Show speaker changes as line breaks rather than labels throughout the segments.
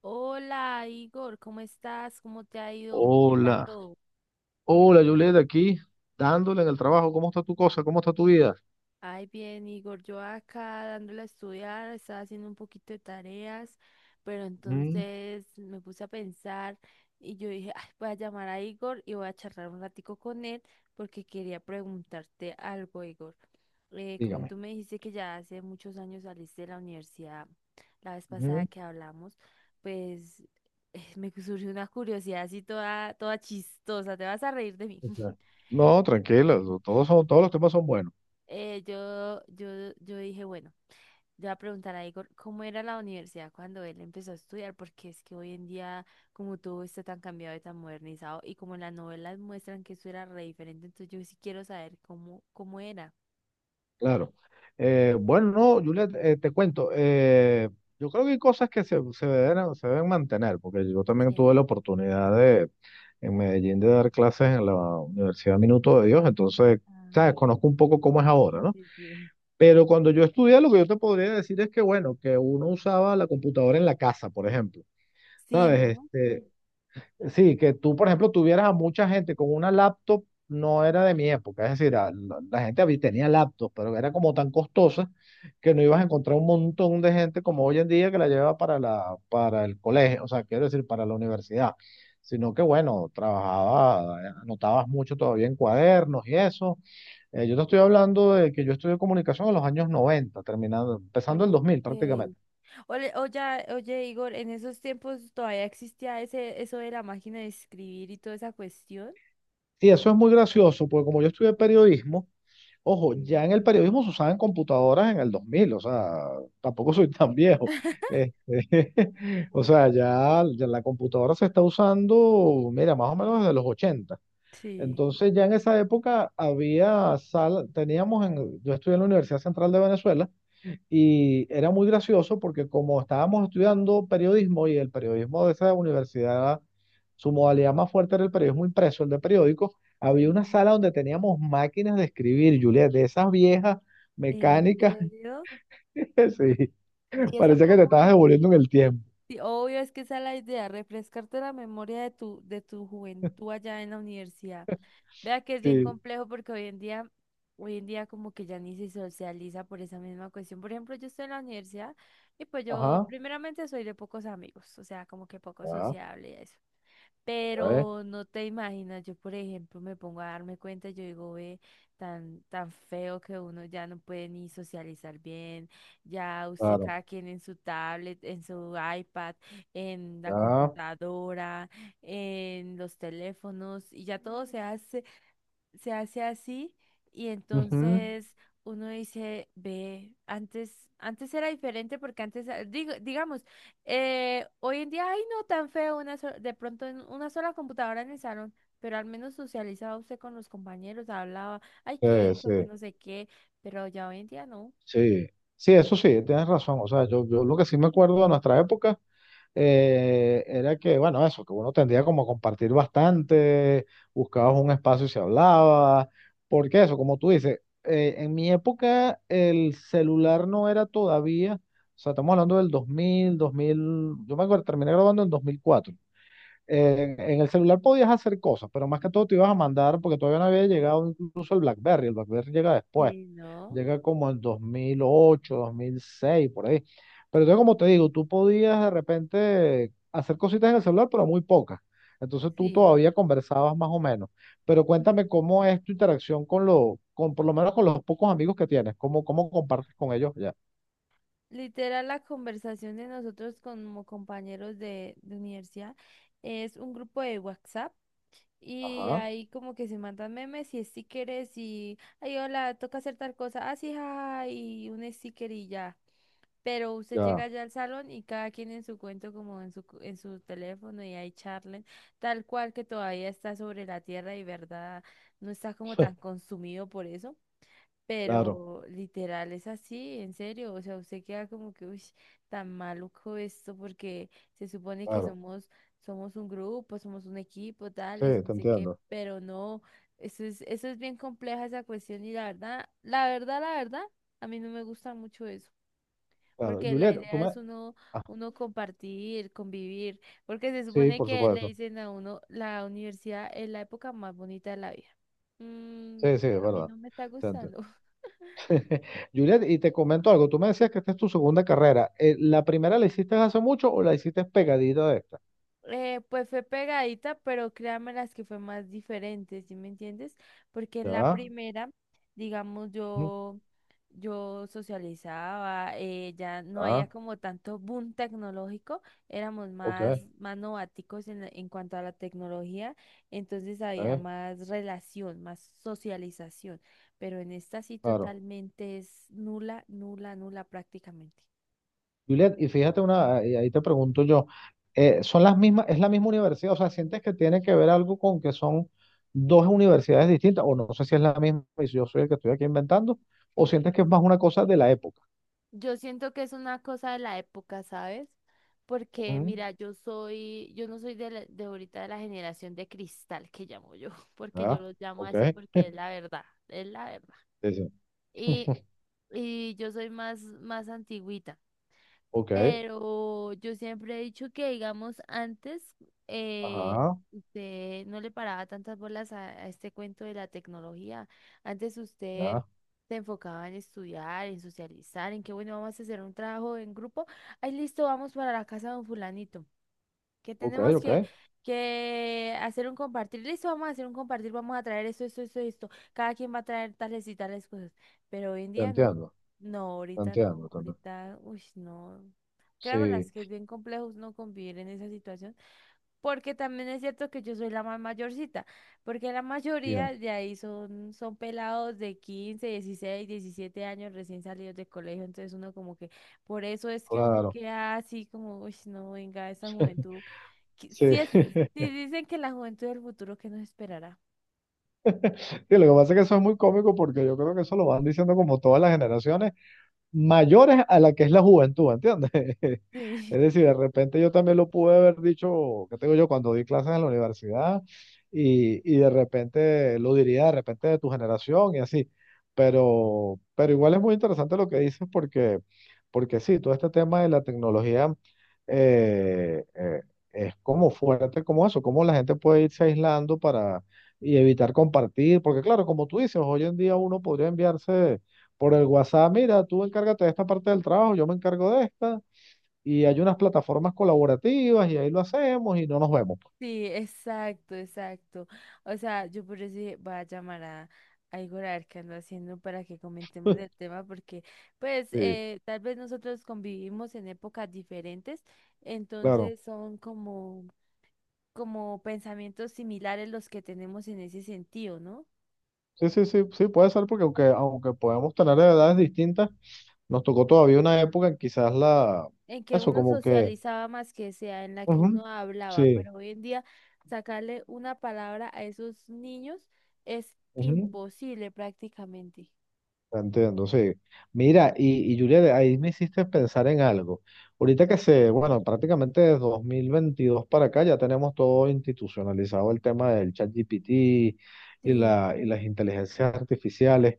Hola Igor, ¿cómo estás? ¿Cómo te ha ido? ¿Qué tal
Hola,
todo?
hola Julieta, aquí dándole en el trabajo. ¿Cómo está tu cosa? ¿Cómo está tu vida?
Ay, bien, Igor, yo acá dándole a estudiar, estaba haciendo un poquito de tareas, pero
Mm,
entonces me puse a pensar y yo dije, ay, voy a llamar a Igor y voy a charlar un ratico con él porque quería preguntarte algo, Igor. Como
Dígame.
tú me dijiste que ya hace muchos años saliste de la universidad, la vez pasada
Ujú,
que hablamos, pues me surgió una curiosidad así toda, toda chistosa, te vas a reír de mí.
ok. No, tranquila, todos los temas son buenos,
Eh, yo, yo, yo dije, bueno, yo voy a preguntar a Igor cómo era la universidad cuando él empezó a estudiar, porque es que hoy en día, como todo está tan cambiado y tan modernizado, y como en las novelas muestran que eso era re diferente, entonces yo sí quiero saber cómo, cómo era.
claro. Bueno, no, Julieta, te cuento. Yo creo que hay cosas que se deben mantener, porque yo también tuve
Sí.
la oportunidad de en Medellín de dar clases en la Universidad Minuto de Dios, entonces,
Ah,
sabes, conozco un poco cómo es ahora,
sí,
¿no?
sí, sí.
Pero cuando yo estudié, lo que yo te podría decir es que, bueno, que uno usaba la computadora en la casa, por ejemplo.
Sí,
¿Sabes?
¿no?
Este, sí, que tú, por ejemplo, tuvieras a mucha gente con una laptop, no era de mi época. Es decir, la gente tenía laptop, pero era como tan costosa que no ibas a encontrar un montón de gente como hoy en día que la lleva para el colegio, o sea, quiero decir, para la universidad. Sino que, bueno, trabajaba, anotabas mucho todavía en cuadernos y eso. Yo te estoy hablando de que yo estudié comunicación en los años 90, terminando, empezando el
Ok.
2000 prácticamente.
Oye, oye, Igor, ¿en esos tiempos todavía existía ese, eso de la máquina de escribir y toda esa cuestión?
Y eso es muy gracioso, porque como yo estudié periodismo, ojo,
Sí.
ya en el periodismo se usaban computadoras en el 2000, o sea, tampoco soy tan viejo. Este, o sea, ya la computadora se está usando, mira, más o menos desde los 80.
Sí.
Entonces ya en esa época había sala, yo estudié en la Universidad Central de Venezuela. Y era muy gracioso porque como estábamos estudiando periodismo y el periodismo de esa universidad, su modalidad más fuerte era el periodismo impreso, el de periódicos, había una
Mm.
sala donde teníamos máquinas de escribir, Juliet, de esas viejas
¿En
mecánicas,
serio?
sí,
¿Y eso
parecía que te
cómo
estabas
es?
devolviendo en el tiempo.
Sí, obvio, es que esa es la idea, refrescarte la memoria de tu juventud allá en la universidad. Vea que es bien
Sí,
complejo porque hoy en día como que ya ni se socializa por esa misma cuestión. Por ejemplo, yo estoy en la universidad y pues yo
ajá,
primeramente soy de pocos amigos, o sea, como que poco
ah,
sociable y eso.
ok,
Pero no te imaginas, yo por ejemplo me pongo a darme cuenta, yo digo, ve, tan, tan feo que uno ya no puede ni socializar bien, ya usted
claro,
cada quien en su tablet, en su iPad, en la
ya,
computadora, en los teléfonos, y ya todo se hace así, y
ujú,
entonces uno dice, ve, antes, antes era diferente porque antes, ah, digo, digamos, hoy en día, ay, no tan feo, de pronto en una sola computadora en el salón, pero al menos socializaba usted con los compañeros, hablaba, ay, qué
sí, sí,
hizo, que no sé qué, pero ya hoy en día no.
sí, sí, eso sí, tienes razón, o sea, yo lo que sí me acuerdo de nuestra época, era que, bueno, eso, que uno tendría como a compartir bastante, buscabas un espacio y se hablaba, porque eso, como tú dices, en mi época el celular no era todavía, o sea, estamos hablando del dos mil. Yo me acuerdo, terminé grabando en 2004. En el celular podías hacer cosas, pero más que todo te ibas a mandar, porque todavía no había llegado incluso el BlackBerry llega después,
Sí, no.
llega como en dos mil ocho 2006 por ahí. Pero entonces, como te
Sí.
digo, tú podías de repente hacer cositas en el celular, pero muy pocas. Entonces tú
Sí,
todavía conversabas más o menos. Pero cuéntame cómo es tu interacción por lo menos con los pocos amigos que tienes, cómo compartes con ellos ya.
literal, la conversación de nosotros como compañeros de universidad es un grupo de WhatsApp. Y
Ajá,
ahí como que se mandan memes y stickers y, ay, hola, toca hacer tal cosa, así, jaja, y un sticker y ya. Pero usted
ya.
llega ya al salón y cada quien en su cuento, como en su, en su teléfono y ahí charlen, tal cual que todavía está sobre la tierra y verdad, no está como tan consumido por eso.
Claro,
Pero literal es así, en serio. O sea, usted queda como que, uy, tan maluco esto, porque se supone que
claro.
somos, somos un grupo, somos un equipo, tales, y
Sí,
no
te
sé qué,
entiendo.
pero no, eso es bien compleja esa cuestión, y la verdad, la verdad, la verdad, a mí no me gusta mucho eso.
Claro.
Porque la
Juliet, tú
idea
me...
es uno,
ah.
uno compartir, convivir, porque se
Sí,
supone
por
que le
supuesto.
dicen a uno, la universidad es la época más bonita de la vida. Mm,
Sí, sí, es
a mí
verdad.
no me está
Te entiendo.
gustando.
Juliet, y te comento algo. Tú me decías que esta es tu segunda carrera. ¿La primera la hiciste hace mucho o la hiciste pegadita de esta?
Pues fue pegadita, pero créanme las que fue más diferente, ¿sí me entiendes? Porque en la
Ya,
primera, digamos,
ujú,
yo socializaba, ya no
ya,
había como tanto boom tecnológico, éramos
ok,
más, más nováticos en cuanto a la tecnología, entonces había
ok,
más relación, más socialización, pero en esta sí
claro.
totalmente es nula, nula, nula prácticamente.
Juliet, y fíjate una, y ahí te pregunto yo, ¿Son las mismas, es la misma universidad? O sea, ¿sientes que tiene que ver algo con que son dos universidades distintas? O no sé si es la misma y si yo soy el que estoy aquí inventando, o sientes que es más una cosa de la época.
Yo siento que es una cosa de la época, ¿sabes? Porque
Ujú,
mira, yo soy, yo no soy de ahorita de la generación de cristal que llamo yo, porque yo
ya,
los llamo
ok,
así porque es la verdad, es la verdad.
dice,
Y, y yo soy más, más antigüita.
ok,
Pero yo siempre he dicho que, digamos, antes eh,
ajá,
usted no le paraba tantas bolas a este cuento de la tecnología. Antes usted
ya,
se enfocaba en estudiar, en socializar, en que, bueno, vamos a hacer un trabajo en grupo. Ahí listo, vamos para la casa de un fulanito que
ok,
tenemos
ok,
que hacer un compartir. Listo, vamos a hacer un compartir, vamos a traer esto, esto, esto, esto. Cada quien va a traer tales y tales cosas. Pero hoy en
te
día no.
entiendo,
No,
te
ahorita no.
entiendo, te entiendo.
Ahorita, uy, no. Créanme las
Sí,
que es bien complejo no convivir en esa situación. Porque también es cierto que yo soy la más mayorcita, porque la
bien,
mayoría de ahí son, son pelados de 15, 16, 17 años recién salidos de colegio, entonces uno como que, por eso es que uno
claro.
queda así como, uy, no, venga, esa juventud,
Sí.
si es, si dicen que la juventud del futuro, ¿qué nos esperará?
Sí, lo que pasa es que eso es muy cómico porque yo creo que eso lo van diciendo como todas las generaciones mayores a la que es la juventud, ¿entiendes?
Sí.
Es decir, de repente yo también lo pude haber dicho, ¿qué tengo yo? Cuando di clases en la universidad y de repente lo diría de repente de tu generación y así. Pero igual es muy interesante lo que dices porque, porque sí, todo este tema de la tecnología eh, eh, es como fuerte como eso, como la gente puede irse aislando para y evitar compartir, porque claro, como tú dices, hoy en día uno podría enviarse por el WhatsApp, mira, tú encárgate de esta parte del trabajo, yo me encargo de esta, y hay unas plataformas colaborativas y ahí lo hacemos y no nos vemos.
Sí, exacto, exacto. O sea, yo por eso dije, voy a llamar a Igor a ver qué anda haciendo para que comentemos el tema, porque pues
Sí,
eh, tal vez nosotros convivimos en épocas diferentes,
claro.
entonces son como, como pensamientos similares los que tenemos en ese sentido, ¿no?
Sí, sí, sí, sí, puede ser porque aunque, aunque podemos tener edades distintas, nos tocó todavía una época en quizás
En que
eso
uno
como que,
socializaba más que sea, en la que
ujú,
uno hablaba,
sí,
pero hoy en día sacarle una palabra a esos niños es
ujú,
imposible prácticamente.
entiendo, sí. Mira, y Julia, de ahí me hiciste pensar en algo. Ahorita que se, bueno, prácticamente desde 2022 para acá ya tenemos todo institucionalizado el tema del ChatGPT y,
Sí.
la, y las inteligencias artificiales.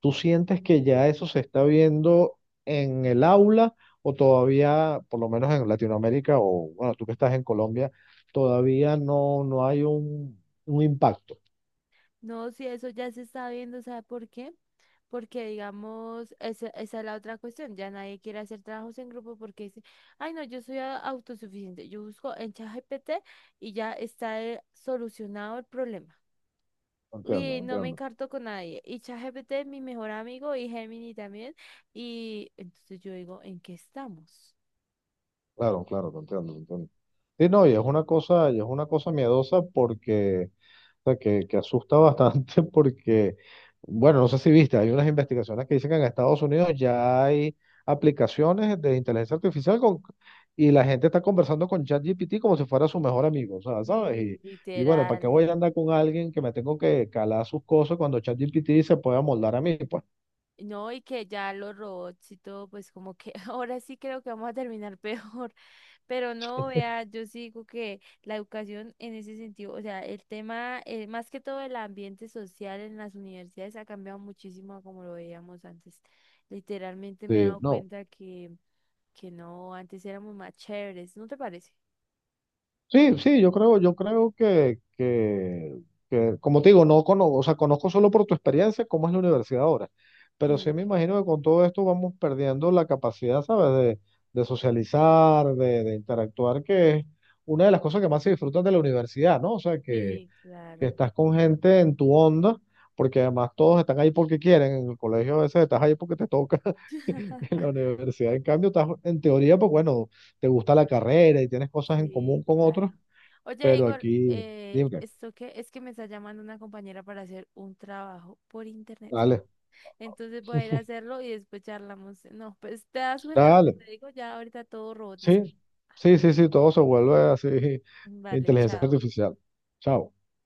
¿Tú sientes que ya eso se está viendo en el aula o todavía, por lo menos en Latinoamérica o, bueno, tú que estás en Colombia, todavía no, no hay un impacto?
No, sí, eso ya se está viendo, ¿sabe por qué? Porque, digamos, esa es la otra cuestión, ya nadie quiere hacer trabajos en grupo porque dice, ay, no, yo soy autosuficiente, yo busco en ChatGPT y ya está, solucionado el problema.
No Entiendo,
Y
no
no me
entiendo.
encarto con nadie. Y ChatGPT es mi mejor amigo y Gemini también. Y entonces yo digo, ¿en qué estamos?
Claro, claro, te entiendo, te entiendo. Sí, no, y es una cosa miedosa porque, o sea, que asusta bastante porque, bueno, no sé si viste, hay unas investigaciones que dicen que en Estados Unidos ya hay aplicaciones de inteligencia artificial y la gente está conversando con ChatGPT como si fuera su mejor amigo, o sea, ¿sabes?
Sí,
Y bueno, ¿para qué
literal.
voy a andar con alguien que me tengo que calar sus cosas cuando ChatGPT se pueda moldar a mí? Pues
No, y que ya los robots y todo, pues como que ahora sí creo que vamos a terminar peor. Pero no, vea, yo sí digo que la educación en ese sentido, o sea, el tema, más que todo el ambiente social en las universidades ha cambiado muchísimo a como lo veíamos antes. Literalmente me he
sí,
dado
no,
cuenta que no, antes éramos más chéveres, ¿no te parece?
sí, sí, yo creo que, como te digo, no conozco, o sea, conozco solo por tu experiencia cómo es la universidad ahora, pero sí me
Sí,
imagino que con todo esto vamos perdiendo la capacidad, ¿sabes? De socializar, de interactuar, que es una de las cosas que más se disfrutan de la universidad, ¿no? O sea, que,
sí,
que
claro,
estás con gente en tu onda, porque además todos están ahí porque quieren, en el colegio a veces estás ahí porque te toca, en la universidad, en cambio, estás en teoría, pues bueno, te gusta la carrera y tienes cosas en
sí,
común con
claro.
otros
Oye,
pero
Igor,
aquí, dime,
¿esto qué? Es que me está llamando una compañera para hacer un trabajo por internet.
dale,
Entonces voy a ir a hacerlo y después charlamos. No, pues te das cuenta lo que
dale.
te digo, ya ahorita todo robotizado.
Sí, sí, sí, sí, todo se vuelve así,
Vale,
inteligencia
chao.
artificial. Chao.